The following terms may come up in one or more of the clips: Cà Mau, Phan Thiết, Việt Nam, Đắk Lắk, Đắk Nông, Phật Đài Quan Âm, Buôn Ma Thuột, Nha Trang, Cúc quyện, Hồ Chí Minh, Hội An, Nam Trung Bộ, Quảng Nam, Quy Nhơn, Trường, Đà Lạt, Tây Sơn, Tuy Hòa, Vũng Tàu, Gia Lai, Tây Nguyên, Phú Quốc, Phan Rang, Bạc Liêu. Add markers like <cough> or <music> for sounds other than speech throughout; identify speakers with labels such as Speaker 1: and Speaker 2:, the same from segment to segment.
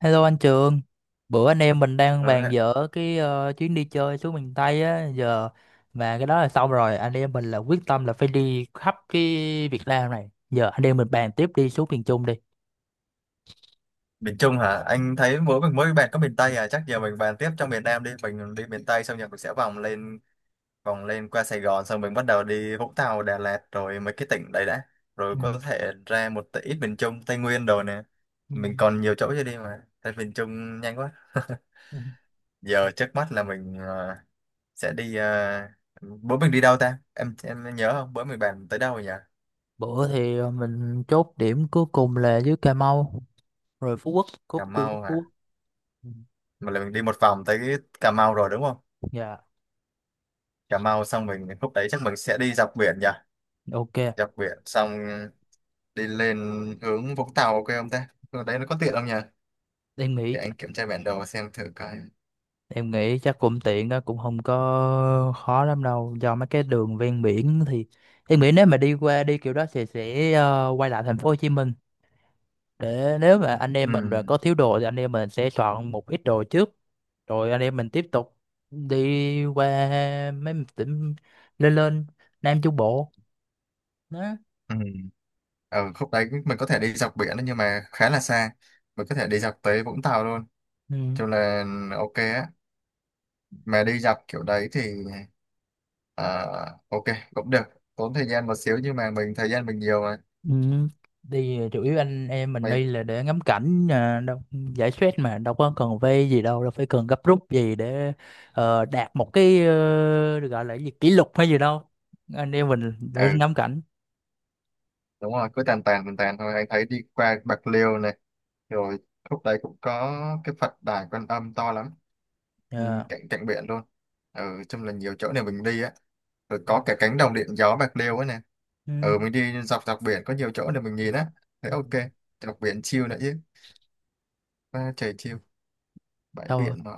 Speaker 1: Hello anh Trường, bữa anh em mình đang
Speaker 2: Ừ,
Speaker 1: bàn
Speaker 2: hả?
Speaker 1: dở cái chuyến đi chơi xuống miền Tây á, giờ mà cái đó là xong rồi, anh em mình là quyết tâm là phải đi khắp cái Việt Nam này. Giờ anh em mình bàn tiếp đi xuống miền Trung đi.
Speaker 2: Miền Trung hả? Anh thấy mỗi mình mới bàn có miền Tây à? Chắc giờ mình bàn tiếp trong miền Nam đi. Mình đi miền Tây xong rồi mình sẽ vòng lên qua Sài Gòn, xong mình bắt đầu đi Vũng Tàu, Đà Lạt rồi mấy cái tỉnh đấy đã. Rồi
Speaker 1: Ừ.
Speaker 2: có thể ra một tí ít miền Trung, Tây Nguyên đồ nè.
Speaker 1: Ừ.
Speaker 2: Mình còn nhiều chỗ chưa đi mà. Tới miền Trung nhanh quá. <laughs>
Speaker 1: Ừ.
Speaker 2: Giờ trước mắt là mình sẽ đi, bữa mình đi đâu ta? Em nhớ không? Bữa mình bàn tới đâu rồi nhỉ?
Speaker 1: Bữa thì mình chốt điểm cuối cùng là dưới Cà Mau, rồi Phú Quốc, Cúc
Speaker 2: Cà
Speaker 1: quyện của
Speaker 2: Mau
Speaker 1: Phú
Speaker 2: hả?
Speaker 1: Quốc. Ừ.
Speaker 2: Mà là mình đi một vòng tới Cà Mau rồi đúng không?
Speaker 1: Dạ,
Speaker 2: Cà Mau xong, mình lúc đấy chắc mình sẽ đi dọc biển nhỉ?
Speaker 1: ok.
Speaker 2: Dọc biển xong đi lên hướng Vũng Tàu, ok không ta? Hướng đấy nó có tiện không nhỉ?
Speaker 1: Em nghĩ
Speaker 2: Để anh kiểm tra bản đồ xem thử coi.
Speaker 1: Em nghĩ chắc cũng tiện đó, cũng không có khó lắm đâu, do mấy cái đường ven biển thì em nghĩ nếu mà đi qua đi kiểu đó thì sẽ quay lại thành phố Hồ Chí Minh, để nếu mà anh
Speaker 2: Ừ,
Speaker 1: em mình mà có thiếu đồ thì anh em mình sẽ soạn một ít đồ trước, rồi anh em mình tiếp tục đi qua mấy tỉnh lên lên Nam Trung Bộ đó.
Speaker 2: ừ. Ở khúc đấy mình có thể đi dọc biển đấy, nhưng mà khá là xa. Mình có thể đi dọc tới Vũng Tàu luôn.
Speaker 1: Ừ.
Speaker 2: Cho là ok á. Mà đi dọc kiểu đấy thì à, ok cũng được. Tốn thời gian một xíu nhưng mà mình thời gian mình nhiều mà.
Speaker 1: Ừ. Đi chủ yếu anh em mình đi
Speaker 2: Mình,
Speaker 1: là để ngắm cảnh à, đâu, giải stress mà đâu có cần vây gì đâu, đâu phải cần gấp rút gì để đạt một cái, được gọi là cái gì kỷ lục hay gì đâu, anh em mình để
Speaker 2: ừ,
Speaker 1: ngắm cảnh.
Speaker 2: đúng rồi, cứ tàn tàn tàn tàn thôi. Anh thấy đi qua Bạc Liêu này. Rồi khúc đấy cũng có cái Phật Đài Quan Âm to lắm, ừ,
Speaker 1: Ờ.
Speaker 2: cạnh cạnh biển luôn. Ừ, chung là nhiều chỗ để mình đi á, rồi có cả cánh đồng điện gió Bạc Liêu ấy nè.
Speaker 1: Ừ.
Speaker 2: Ừ, mình đi dọc dọc biển có nhiều chỗ để mình nhìn á. Thế ok, dọc biển chill nữa chứ. À, trời chill, bãi
Speaker 1: Xong
Speaker 2: biển mà.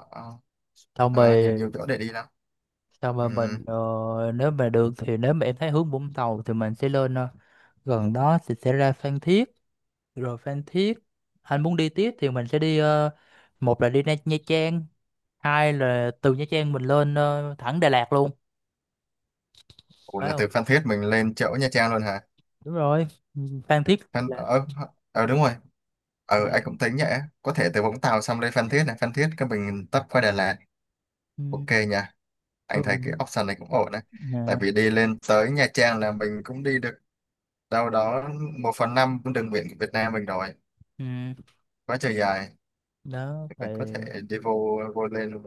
Speaker 1: xong
Speaker 2: À, nhiều
Speaker 1: rồi
Speaker 2: nhiều chỗ để đi lắm.
Speaker 1: xong
Speaker 2: Ừ.
Speaker 1: rồi mình nếu mà được thì nếu mà em thấy hướng Vũng Tàu thì mình sẽ lên, gần đó thì sẽ ra Phan Thiết, rồi Phan Thiết anh muốn đi tiếp thì mình sẽ đi, một là đi Nha Trang, hai là từ Nha Trang mình lên thẳng Đà Lạt luôn,
Speaker 2: Ủa,
Speaker 1: phải
Speaker 2: là
Speaker 1: không?
Speaker 2: từ Phan Thiết mình lên chỗ Nha Trang luôn hả?
Speaker 1: Đúng rồi. Ừ, Phan Thiết
Speaker 2: Phan...
Speaker 1: là.
Speaker 2: ờ, ờ đúng rồi. Ừ, anh
Speaker 1: Dạ.
Speaker 2: cũng tính vậy, có thể từ Vũng Tàu xong lên Phan Thiết, này Phan Thiết cái mình tấp qua Đà Lạt.
Speaker 1: Ừ,
Speaker 2: Ok nha, anh thấy
Speaker 1: thường
Speaker 2: cái option này cũng ổn đấy. Tại
Speaker 1: nè.
Speaker 2: vì đi lên tới Nha Trang là mình cũng đi được đâu đó 1/5 cũng đừng nguyện của Việt Nam mình rồi,
Speaker 1: Ừ.
Speaker 2: quá trời dài.
Speaker 1: Đó thì
Speaker 2: Mình có thể đi vô vô lên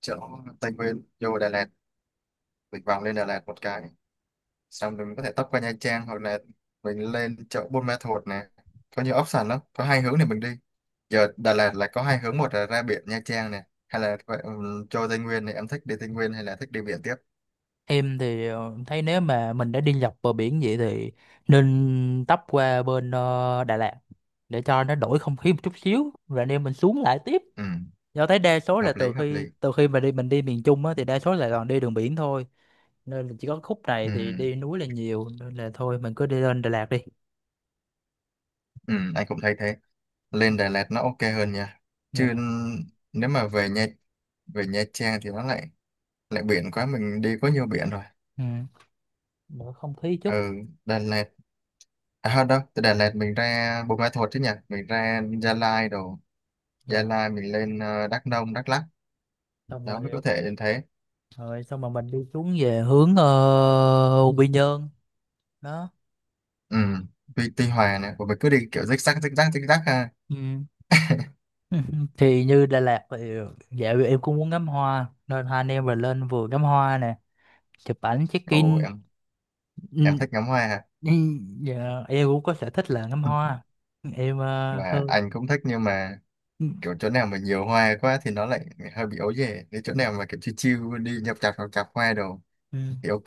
Speaker 2: chỗ Tây Nguyên, vô Đà Lạt, mình vòng lên Đà Lạt một cái, xong rồi mình có thể tấp qua Nha Trang hoặc là mình lên chỗ Buôn Ma Thuột nè. Có nhiều option lắm, có hai hướng để mình đi. Giờ Đà Lạt là có hai hướng, một là ra biển Nha Trang nè, hay là vậy, cho Tây Nguyên, này em thích đi Tây Nguyên hay là thích đi biển tiếp?
Speaker 1: em thì thấy nếu mà mình đã đi dọc bờ biển vậy thì nên tấp qua bên, Đà Lạt để cho nó đổi không khí một chút xíu rồi anh em mình xuống lại tiếp,
Speaker 2: Ừ,
Speaker 1: do thấy đa số là
Speaker 2: hợp lý
Speaker 1: từ
Speaker 2: hợp
Speaker 1: khi
Speaker 2: lý
Speaker 1: từ khi mà đi, mình đi miền Trung á thì đa số là toàn đi đường biển thôi, nên là chỉ có khúc này
Speaker 2: Ừ,
Speaker 1: thì đi núi là nhiều nên là thôi mình cứ đi lên Đà Lạt đi.
Speaker 2: ừ, anh cũng thấy thế. Lên Đà Lạt nó ok hơn nha. Chứ
Speaker 1: Dạ.
Speaker 2: nếu mà về về Nha Trang thì nó lại lại biển quá, mình đi có nhiều biển rồi.
Speaker 1: Ừ. Mở không khí chút.
Speaker 2: Ừ, Đà Lạt. À không, đâu từ Đà Lạt mình ra Buôn Ma Thuột chứ nhỉ, mình ra Gia Lai đồ. Gia
Speaker 1: Dạ,
Speaker 2: Lai mình lên, Đắk Nông, Đắk Lắk.
Speaker 1: xong
Speaker 2: Đó mới có
Speaker 1: rồi
Speaker 2: thể đến thế.
Speaker 1: xong rồi, mình đi xuống về hướng Quy Nhơn đó.
Speaker 2: Ừ, Tuy Hòa nè, của mình cứ đi kiểu rích rắc rích rắc rích rắc ha.
Speaker 1: Ừ. <laughs> Thì như Đà Lạt thì, dạ, em cũng muốn ngắm hoa nên hai anh em rồi lên vừa ngắm hoa nè, chụp ảnh check
Speaker 2: Ồ
Speaker 1: in.
Speaker 2: em
Speaker 1: Ừ.
Speaker 2: thích ngắm hoa ha.
Speaker 1: Ừ. Dạ, em cũng có sở thích là ngắm
Speaker 2: <laughs>
Speaker 1: hoa, em
Speaker 2: Và
Speaker 1: hơn.
Speaker 2: anh cũng thích, nhưng mà
Speaker 1: Ừ,
Speaker 2: kiểu chỗ nào mà nhiều hoa quá thì nó lại hơi bị ấu dề. Nếu chỗ nào mà kiểu chill chill đi nhập chạp hoa đồ
Speaker 1: ừ.
Speaker 2: thì ok.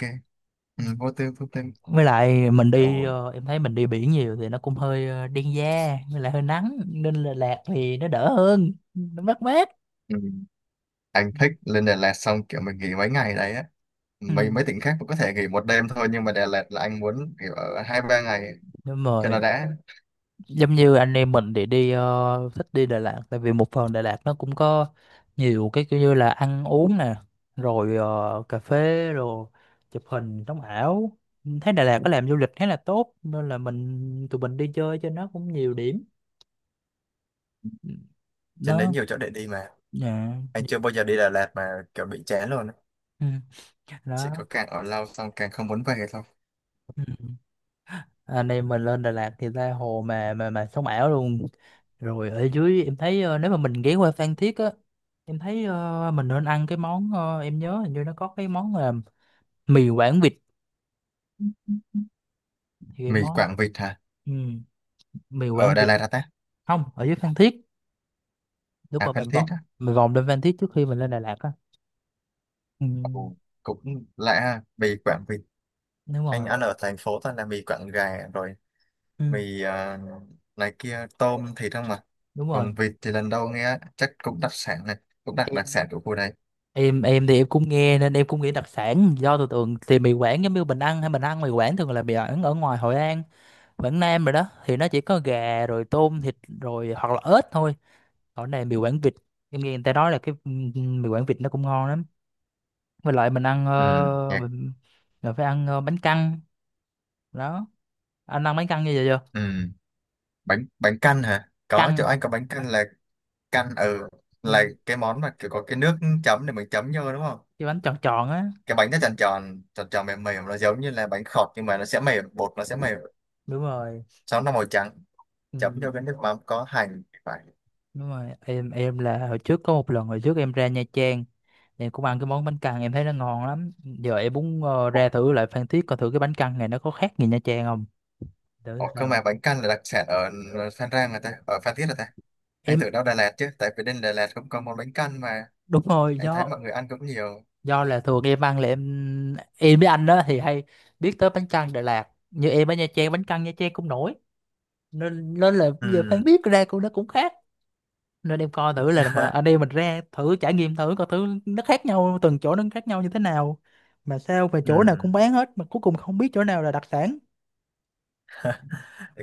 Speaker 1: Ừ.
Speaker 2: Ừ, vô tư.
Speaker 1: Với lại mình
Speaker 2: Ừ.
Speaker 1: đi, em thấy mình đi biển nhiều thì nó cũng hơi, đen da, với lại hơi nắng nên là lạc thì nó đỡ hơn, nó mát mát.
Speaker 2: Ừ. Anh thích lên Đà Lạt xong kiểu mình nghỉ mấy ngày đấy á.
Speaker 1: Ừ.
Speaker 2: Mấy mấy tỉnh khác cũng có thể nghỉ một đêm thôi, nhưng mà Đà Lạt là anh muốn nghỉ ở 2-3 ngày
Speaker 1: Đúng
Speaker 2: cho
Speaker 1: rồi.
Speaker 2: nó đã.
Speaker 1: Giống như anh em mình thì đi, thích đi Đà Lạt tại vì một phần Đà Lạt nó cũng có nhiều cái kiểu như là ăn uống nè, rồi cà phê, rồi chụp hình sống ảo. Thấy Đà Lạt có làm du lịch khá là tốt nên là tụi mình đi chơi cho nó cũng nhiều điểm.
Speaker 2: Trên đấy
Speaker 1: Nó.
Speaker 2: nhiều chỗ để đi mà,
Speaker 1: Dạ.
Speaker 2: anh chưa bao giờ đi Đà Lạt mà kiểu bị chán luôn á.
Speaker 1: Ừ,
Speaker 2: Chỉ
Speaker 1: đó.
Speaker 2: có càng ở lâu xong càng không muốn về thôi.
Speaker 1: Ừ. Anh em mình lên Đà Lạt thì ra hồ mà sống ảo luôn. Rồi ở dưới em thấy, nếu mà mình ghé qua Phan Thiết á, em thấy, mình nên ăn cái món, em nhớ hình như nó có cái món là mì Quảng vịt, thì cái
Speaker 2: Mì
Speaker 1: món.
Speaker 2: Quảng vịt hả?
Speaker 1: Ừ, mì
Speaker 2: Ở
Speaker 1: Quảng
Speaker 2: Đà
Speaker 1: vịt.
Speaker 2: Lạt hả ta?
Speaker 1: Không, ở dưới Phan Thiết, lúc
Speaker 2: À,
Speaker 1: mà
Speaker 2: Phan
Speaker 1: mình
Speaker 2: Thiết
Speaker 1: vòng,
Speaker 2: á.
Speaker 1: mình vòng lên Phan Thiết trước khi mình lên Đà Lạt á. Ừ,
Speaker 2: Ừ, cũng lạ ha, mì Quảng vịt.
Speaker 1: đúng
Speaker 2: Anh
Speaker 1: rồi.
Speaker 2: ăn ở thành phố toàn là mì Quảng gà rồi,
Speaker 1: Ừ,
Speaker 2: mì, này kia tôm thịt không mà.
Speaker 1: đúng rồi.
Speaker 2: Còn vịt thì lần đầu nghe, chắc cũng đặc sản này, cũng đặc đặc
Speaker 1: em
Speaker 2: sản của khu đây.
Speaker 1: em em thì em cũng nghe nên em cũng nghĩ đặc sản, do tôi tưởng thì mì Quảng giống như mình ăn, hay mình ăn mì Quảng thường là mì Quảng ở ngoài Hội An, Quảng Nam rồi, đó thì nó chỉ có gà rồi tôm thịt rồi, hoặc là ếch thôi, còn này mì Quảng Vịt. Em nghe người ta nói là cái, ừ, ừ, mì Quảng Vịt nó cũng ngon lắm, với lại mình ăn,
Speaker 2: Ừ, nhạc.
Speaker 1: mình phải ăn bánh căn đó, anh ăn bánh căn như vậy chưa?
Speaker 2: Ừ. bánh bánh canh hả? Có
Speaker 1: Căn.
Speaker 2: chỗ anh có bánh canh là canh. Ừ,
Speaker 1: Ừ,
Speaker 2: là cái món mà kiểu có cái nước chấm để mình chấm vô, đúng không?
Speaker 1: cái bánh tròn tròn á.
Speaker 2: Cái bánh nó tròn tròn mềm mềm, nó giống như là bánh khọt nhưng mà nó sẽ mềm, bột nó sẽ mềm,
Speaker 1: Đúng rồi.
Speaker 2: sau nó màu trắng,
Speaker 1: Ừ,
Speaker 2: chấm vô cái nước mắm có hành phải.
Speaker 1: đúng rồi. Em là hồi trước có một lần, hồi trước em ra Nha Trang em cũng ăn cái món bánh căn, em thấy nó ngon lắm. Giờ em muốn ra thử lại Phan Thiết coi thử cái bánh căn này nó có khác gì Nha Trang không, để
Speaker 2: Ủa, cơ
Speaker 1: sao.
Speaker 2: mà bánh căn là đặc sản ở Phan Rang là ta, ở Phan Thiết là ta. Anh
Speaker 1: Em,
Speaker 2: tưởng đâu Đà Lạt chứ, tại vì bên Đà Lạt cũng có món bánh căn mà,
Speaker 1: đúng rồi,
Speaker 2: anh thấy
Speaker 1: do
Speaker 2: mọi người ăn cũng nhiều.
Speaker 1: do là thường em ăn là em với anh đó thì hay biết tới bánh căn Đà Lạt, như em ở Nha Trang bánh căn Nha Trang cũng nổi, nên nên là bây giờ Phan
Speaker 2: Ừ.
Speaker 1: biết ra cũng nó cũng khác, nên em coi thử là mà
Speaker 2: <laughs>
Speaker 1: anh em mình ra thử trải nghiệm thử coi thử nó khác nhau, từng chỗ nó khác nhau như thế nào, mà sao mà
Speaker 2: Ừ,
Speaker 1: chỗ nào cũng bán hết mà cuối cùng không biết chỗ nào là đặc sản.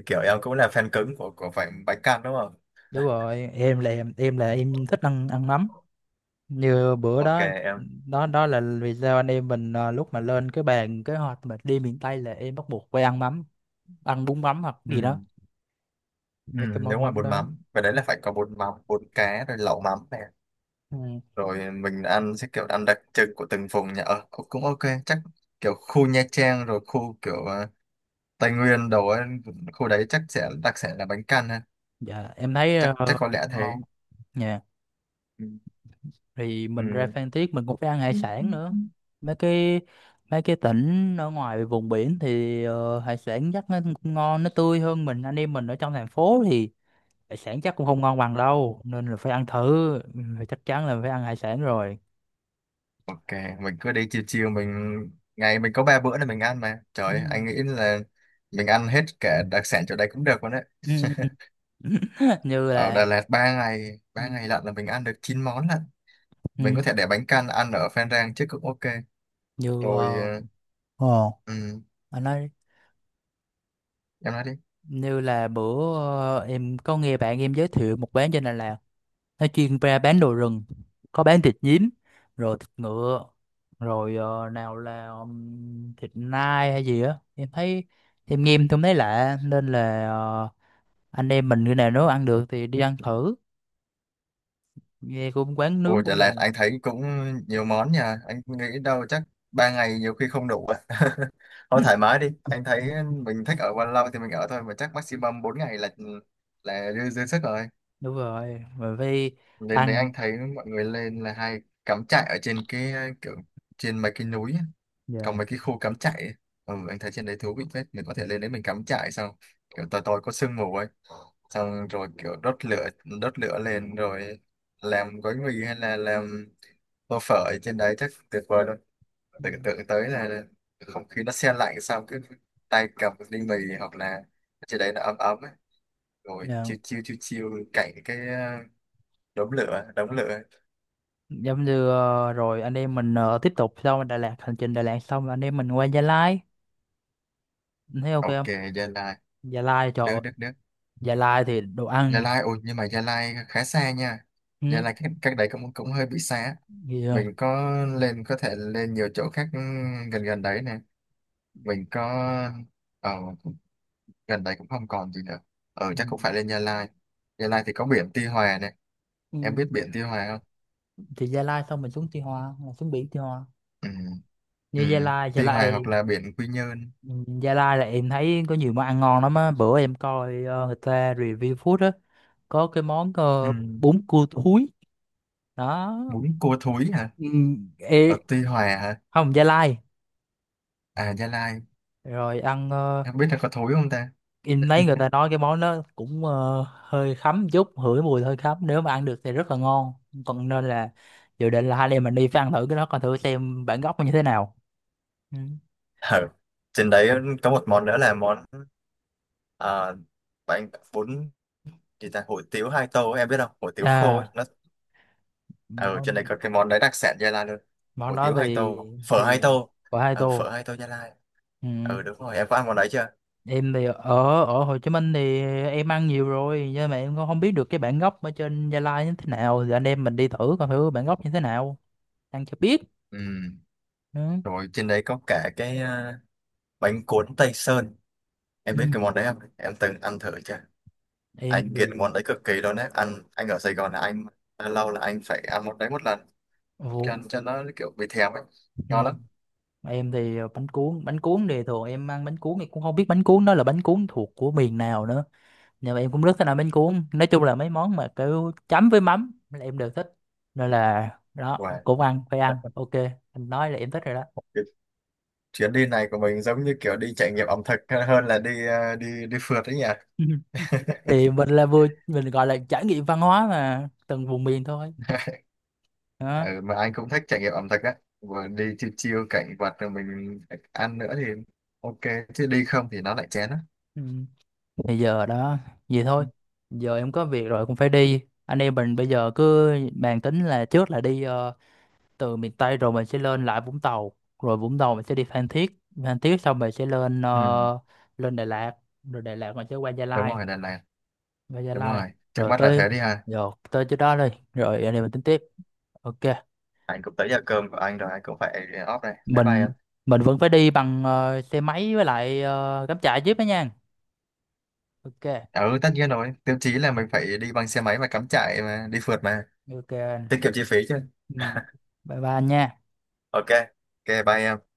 Speaker 2: kiểu em cũng là fan cứng của phải bánh căn, đúng không?
Speaker 1: Đúng rồi, em là em thích ăn ăn mắm. Như bữa
Speaker 2: Ok
Speaker 1: đó.
Speaker 2: em.
Speaker 1: Đó đó là vì sao anh em mình, à, lúc mà lên cái bàn kế hoạch mà đi miền Tây là em bắt buộc phải ăn mắm, ăn bún mắm hoặc
Speaker 2: Ừ.
Speaker 1: gì đó,
Speaker 2: Ừ,
Speaker 1: mấy cái
Speaker 2: nếu
Speaker 1: món
Speaker 2: ngoài
Speaker 1: mắm
Speaker 2: bún
Speaker 1: đó.
Speaker 2: mắm, và đấy là phải có bún mắm, bún cá, rồi lẩu mắm này.
Speaker 1: Ừ.
Speaker 2: Rồi mình ăn sẽ kiểu ăn đặc trưng của từng vùng nhà ở. Cũng cũng ok, chắc kiểu khu Nha Trang rồi khu kiểu, Tây Nguyên đồ ấy, khu đấy chắc sẽ đặc sản là bánh căn ha.
Speaker 1: Dạ, em thấy
Speaker 2: Chắc chắc có lẽ thế.
Speaker 1: ngon nha.
Speaker 2: Ừ.
Speaker 1: Thì mình ra
Speaker 2: Ừ.
Speaker 1: Phan Thiết mình cũng phải ăn hải
Speaker 2: Ừ, ừ,
Speaker 1: sản nữa,
Speaker 2: ừ.
Speaker 1: mấy cái mấy cái tỉnh ở ngoài vùng biển thì hải sản chắc nó cũng ngon, nó tươi hơn, mình anh em mình ở trong thành phố thì hải sản chắc cũng không ngon bằng đâu, nên là phải ăn thử. Ừ, chắc chắn là phải ăn hải sản rồi.
Speaker 2: Ok, mình cứ đi chiều chiều mình, ngày mình có ba bữa để mình ăn mà. Trời ơi, anh nghĩ
Speaker 1: <laughs>
Speaker 2: là mình ăn hết cả đặc sản chỗ đây cũng được luôn đấy.
Speaker 1: Ừ. Ừ, ừ, ừ. <laughs> Như
Speaker 2: Ở Đà
Speaker 1: là.
Speaker 2: Lạt 3 ngày, 3 ngày
Speaker 1: Ừ,
Speaker 2: lận là mình ăn được 9 món lận. Mình
Speaker 1: ừ,
Speaker 2: có thể để bánh căn ăn ở Phan Rang chứ, cũng ok.
Speaker 1: như,
Speaker 2: Rồi
Speaker 1: ờ,
Speaker 2: ừ,
Speaker 1: anh nói.
Speaker 2: em nói đi.
Speaker 1: Như là bữa, em có nghe bạn em giới thiệu một quán trên Đà Lạt, nó chuyên ra bán đồ rừng, có bán thịt nhím, rồi thịt ngựa, rồi, nào là, thịt nai hay gì á, em thấy em nghe em không thấy lạ nên là, anh em mình cái nào nếu ăn được thì đi ăn thử, nghe cũng quán
Speaker 2: Ồ,
Speaker 1: nướng
Speaker 2: Đà
Speaker 1: cũng là.
Speaker 2: Lạt anh thấy cũng nhiều món nha. Anh nghĩ đâu chắc ba ngày nhiều khi không đủ. À. <laughs> Thôi thoải
Speaker 1: <clears throat>
Speaker 2: mái đi. Anh thấy mình thích ở bao lâu thì mình ở thôi. Mà chắc maximum 4 ngày là dư sức rồi.
Speaker 1: Đúng rồi, rồi phải
Speaker 2: Lên đấy
Speaker 1: ăn.
Speaker 2: anh thấy mọi người lên là hay cắm trại ở trên cái kiểu trên mấy cái núi á.
Speaker 1: Dạ.
Speaker 2: Còn mấy cái khu cắm trại ấy. Ừ, anh thấy trên đấy thú vị phết. Mình có thể lên đấy mình cắm trại xong. Kiểu tối tối có sương mù ấy. Xong rồi kiểu đốt lửa lên rồi làm gói mì hay là làm tô phở ở trên đấy chắc tuyệt vời luôn.
Speaker 1: Ừ.
Speaker 2: Tưởng tượng tới là không khí nó se lạnh, xong cứ tay cầm một ly mì hoặc là ở trên đấy nó ấm ấm ấy. Rồi
Speaker 1: Dạ,
Speaker 2: chiêu chiêu chiêu chiêu cạnh cái, đống lửa.
Speaker 1: giống như, rồi anh em mình, tiếp tục sau Đà Lạt, hành trình Đà Lạt xong anh em mình qua Gia Lai, thấy ok
Speaker 2: Ok
Speaker 1: không?
Speaker 2: Gia Lai,
Speaker 1: Gia Lai, trời
Speaker 2: được
Speaker 1: ơi,
Speaker 2: được được.
Speaker 1: Gia Lai thì đồ
Speaker 2: Gia
Speaker 1: ăn.
Speaker 2: Lai ôi, nhưng mà Gia Lai khá xa nha.
Speaker 1: Ừ,
Speaker 2: Gia Lai cách đấy cũng cũng hơi bị xa.
Speaker 1: gì không?
Speaker 2: Mình có lên có thể lên nhiều chỗ khác, gần gần đấy nè. Mình có, ờ, gần đây cũng không còn gì nữa. Ừ,
Speaker 1: Ừ.
Speaker 2: chắc cũng phải lên Gia Lai. Gia Lai thì có biển Tuy Hòa này,
Speaker 1: Ừ,
Speaker 2: em biết biển Tuy Hòa không?
Speaker 1: thì Gia Lai xong mình xuống Tuy Hòa là xuống biển Tuy Hòa,
Speaker 2: Ừ.
Speaker 1: như
Speaker 2: Ừ.
Speaker 1: Gia Lai, Gia
Speaker 2: Tuy Hòa hoặc
Speaker 1: Lai.
Speaker 2: là biển Quy Nhơn.
Speaker 1: Ừ, Gia Lai là em thấy có nhiều món ăn ngon lắm á, bữa em coi người ta review food á, có cái món,
Speaker 2: Ừ.
Speaker 1: bún cua thúi đó.
Speaker 2: Bún cua thúi hả?
Speaker 1: Ừ,
Speaker 2: Ở
Speaker 1: ê.
Speaker 2: Tuy Hòa hả?
Speaker 1: Không, Gia Lai.
Speaker 2: À, Gia Lai.
Speaker 1: Rồi ăn,
Speaker 2: Em biết là có thúi không ta?
Speaker 1: em thấy người ta nói cái món đó cũng hơi khắm chút, hửi mùi hơi khắm, nếu mà ăn được thì rất là ngon. Còn nên là dự định là hai anh em mình đi phải ăn thử cái đó, coi thử xem bản gốc nó như thế nào. Ừ.
Speaker 2: Ừ. Trên đấy có một món nữa là món, à, bánh bún gì ta, hủ tiếu hai tô em biết không, hủ tiếu khô ấy.
Speaker 1: À,
Speaker 2: Nó ở
Speaker 1: món,
Speaker 2: trên này có cái món đấy đặc sản Gia Lai luôn,
Speaker 1: món
Speaker 2: hủ
Speaker 1: đó
Speaker 2: tiếu hai
Speaker 1: thì
Speaker 2: tô, phở hai
Speaker 1: thì
Speaker 2: tô.
Speaker 1: của hai
Speaker 2: Ừ, phở
Speaker 1: tô.
Speaker 2: hai tô Gia Lai.
Speaker 1: Ừ.
Speaker 2: Ừ đúng rồi, em có ăn món đấy chưa?
Speaker 1: Em thì ở ở Hồ Chí Minh thì em ăn nhiều rồi, nhưng mà em cũng không biết được cái bản gốc ở trên Gia Lai như thế nào, thì anh em mình đi thử coi thử bản gốc như thế nào, ăn cho biết.
Speaker 2: Ừ,
Speaker 1: Ừ.
Speaker 2: rồi trên đấy có cả cái, bánh cuốn Tây Sơn, em
Speaker 1: Ừ.
Speaker 2: biết cái món đấy không, em từng ăn thử chưa?
Speaker 1: Em
Speaker 2: Anh
Speaker 1: thì.
Speaker 2: nghiện món đấy cực kỳ luôn đấy, anh ở Sài Gòn là anh lâu lâu là anh phải ăn món đấy một lần
Speaker 1: Ồ,
Speaker 2: cho nó kiểu bị thèm ấy,
Speaker 1: ừ.
Speaker 2: ngon lắm.
Speaker 1: Em thì bánh cuốn, bánh cuốn thì thường em ăn bánh cuốn em cũng không biết bánh cuốn đó là bánh cuốn thuộc của miền nào nữa, nhưng mà em cũng rất thích ăn bánh cuốn, nói chung là mấy món mà kiểu chấm với mắm là em đều thích, nên là đó
Speaker 2: Wow.
Speaker 1: cũng ăn, phải ăn ok. Anh nói là em thích rồi đó.
Speaker 2: Cái chuyến đi này của mình giống như kiểu đi trải nghiệm ẩm thực hơn là đi, đi phượt đấy nhỉ.
Speaker 1: <laughs> Thì mình là vừa, mình gọi là trải nghiệm văn hóa mà từng vùng miền thôi.
Speaker 2: <laughs>
Speaker 1: Đó.
Speaker 2: Ừ, mà anh cũng thích trải nghiệm ẩm thực đấy. Vừa đi chiêu chiêu cảnh vật rồi mình ăn nữa thì ok, chứ đi không thì nó lại chén á.
Speaker 1: Ừ. Bây giờ đó, vậy thôi, giờ em có việc rồi cũng phải đi, anh em mình bây giờ cứ bàn tính là trước là đi, từ miền Tây rồi mình sẽ lên lại Vũng Tàu, rồi Vũng Tàu mình sẽ đi Phan Thiết, Phan Thiết xong mình sẽ lên,
Speaker 2: Ừ,
Speaker 1: lên Đà Lạt, rồi Đà Lạt mình sẽ qua Gia
Speaker 2: đúng
Speaker 1: Lai,
Speaker 2: rồi lần này.
Speaker 1: qua Gia
Speaker 2: Đúng
Speaker 1: Lai
Speaker 2: rồi, trước
Speaker 1: rồi
Speaker 2: mắt là
Speaker 1: tới,
Speaker 2: thế đi ha.
Speaker 1: rồi tới chỗ đó đi, rồi anh em mình tính tiếp. Ok.
Speaker 2: Anh cũng tới giờ cơm của anh rồi, anh cũng phải off đây, bye bye em.
Speaker 1: mình mình vẫn phải đi bằng, xe máy, với lại cắm trại jeep đó nha. Ok.
Speaker 2: Ừ tất nhiên rồi, tiêu chí là mình phải đi bằng xe máy và cắm trại mà, đi phượt mà,
Speaker 1: Ok anh.
Speaker 2: tiết kiệm chi phí chứ.
Speaker 1: Ừ.
Speaker 2: <laughs>
Speaker 1: Bye bye anh nha.
Speaker 2: Ok. Ok, bye em.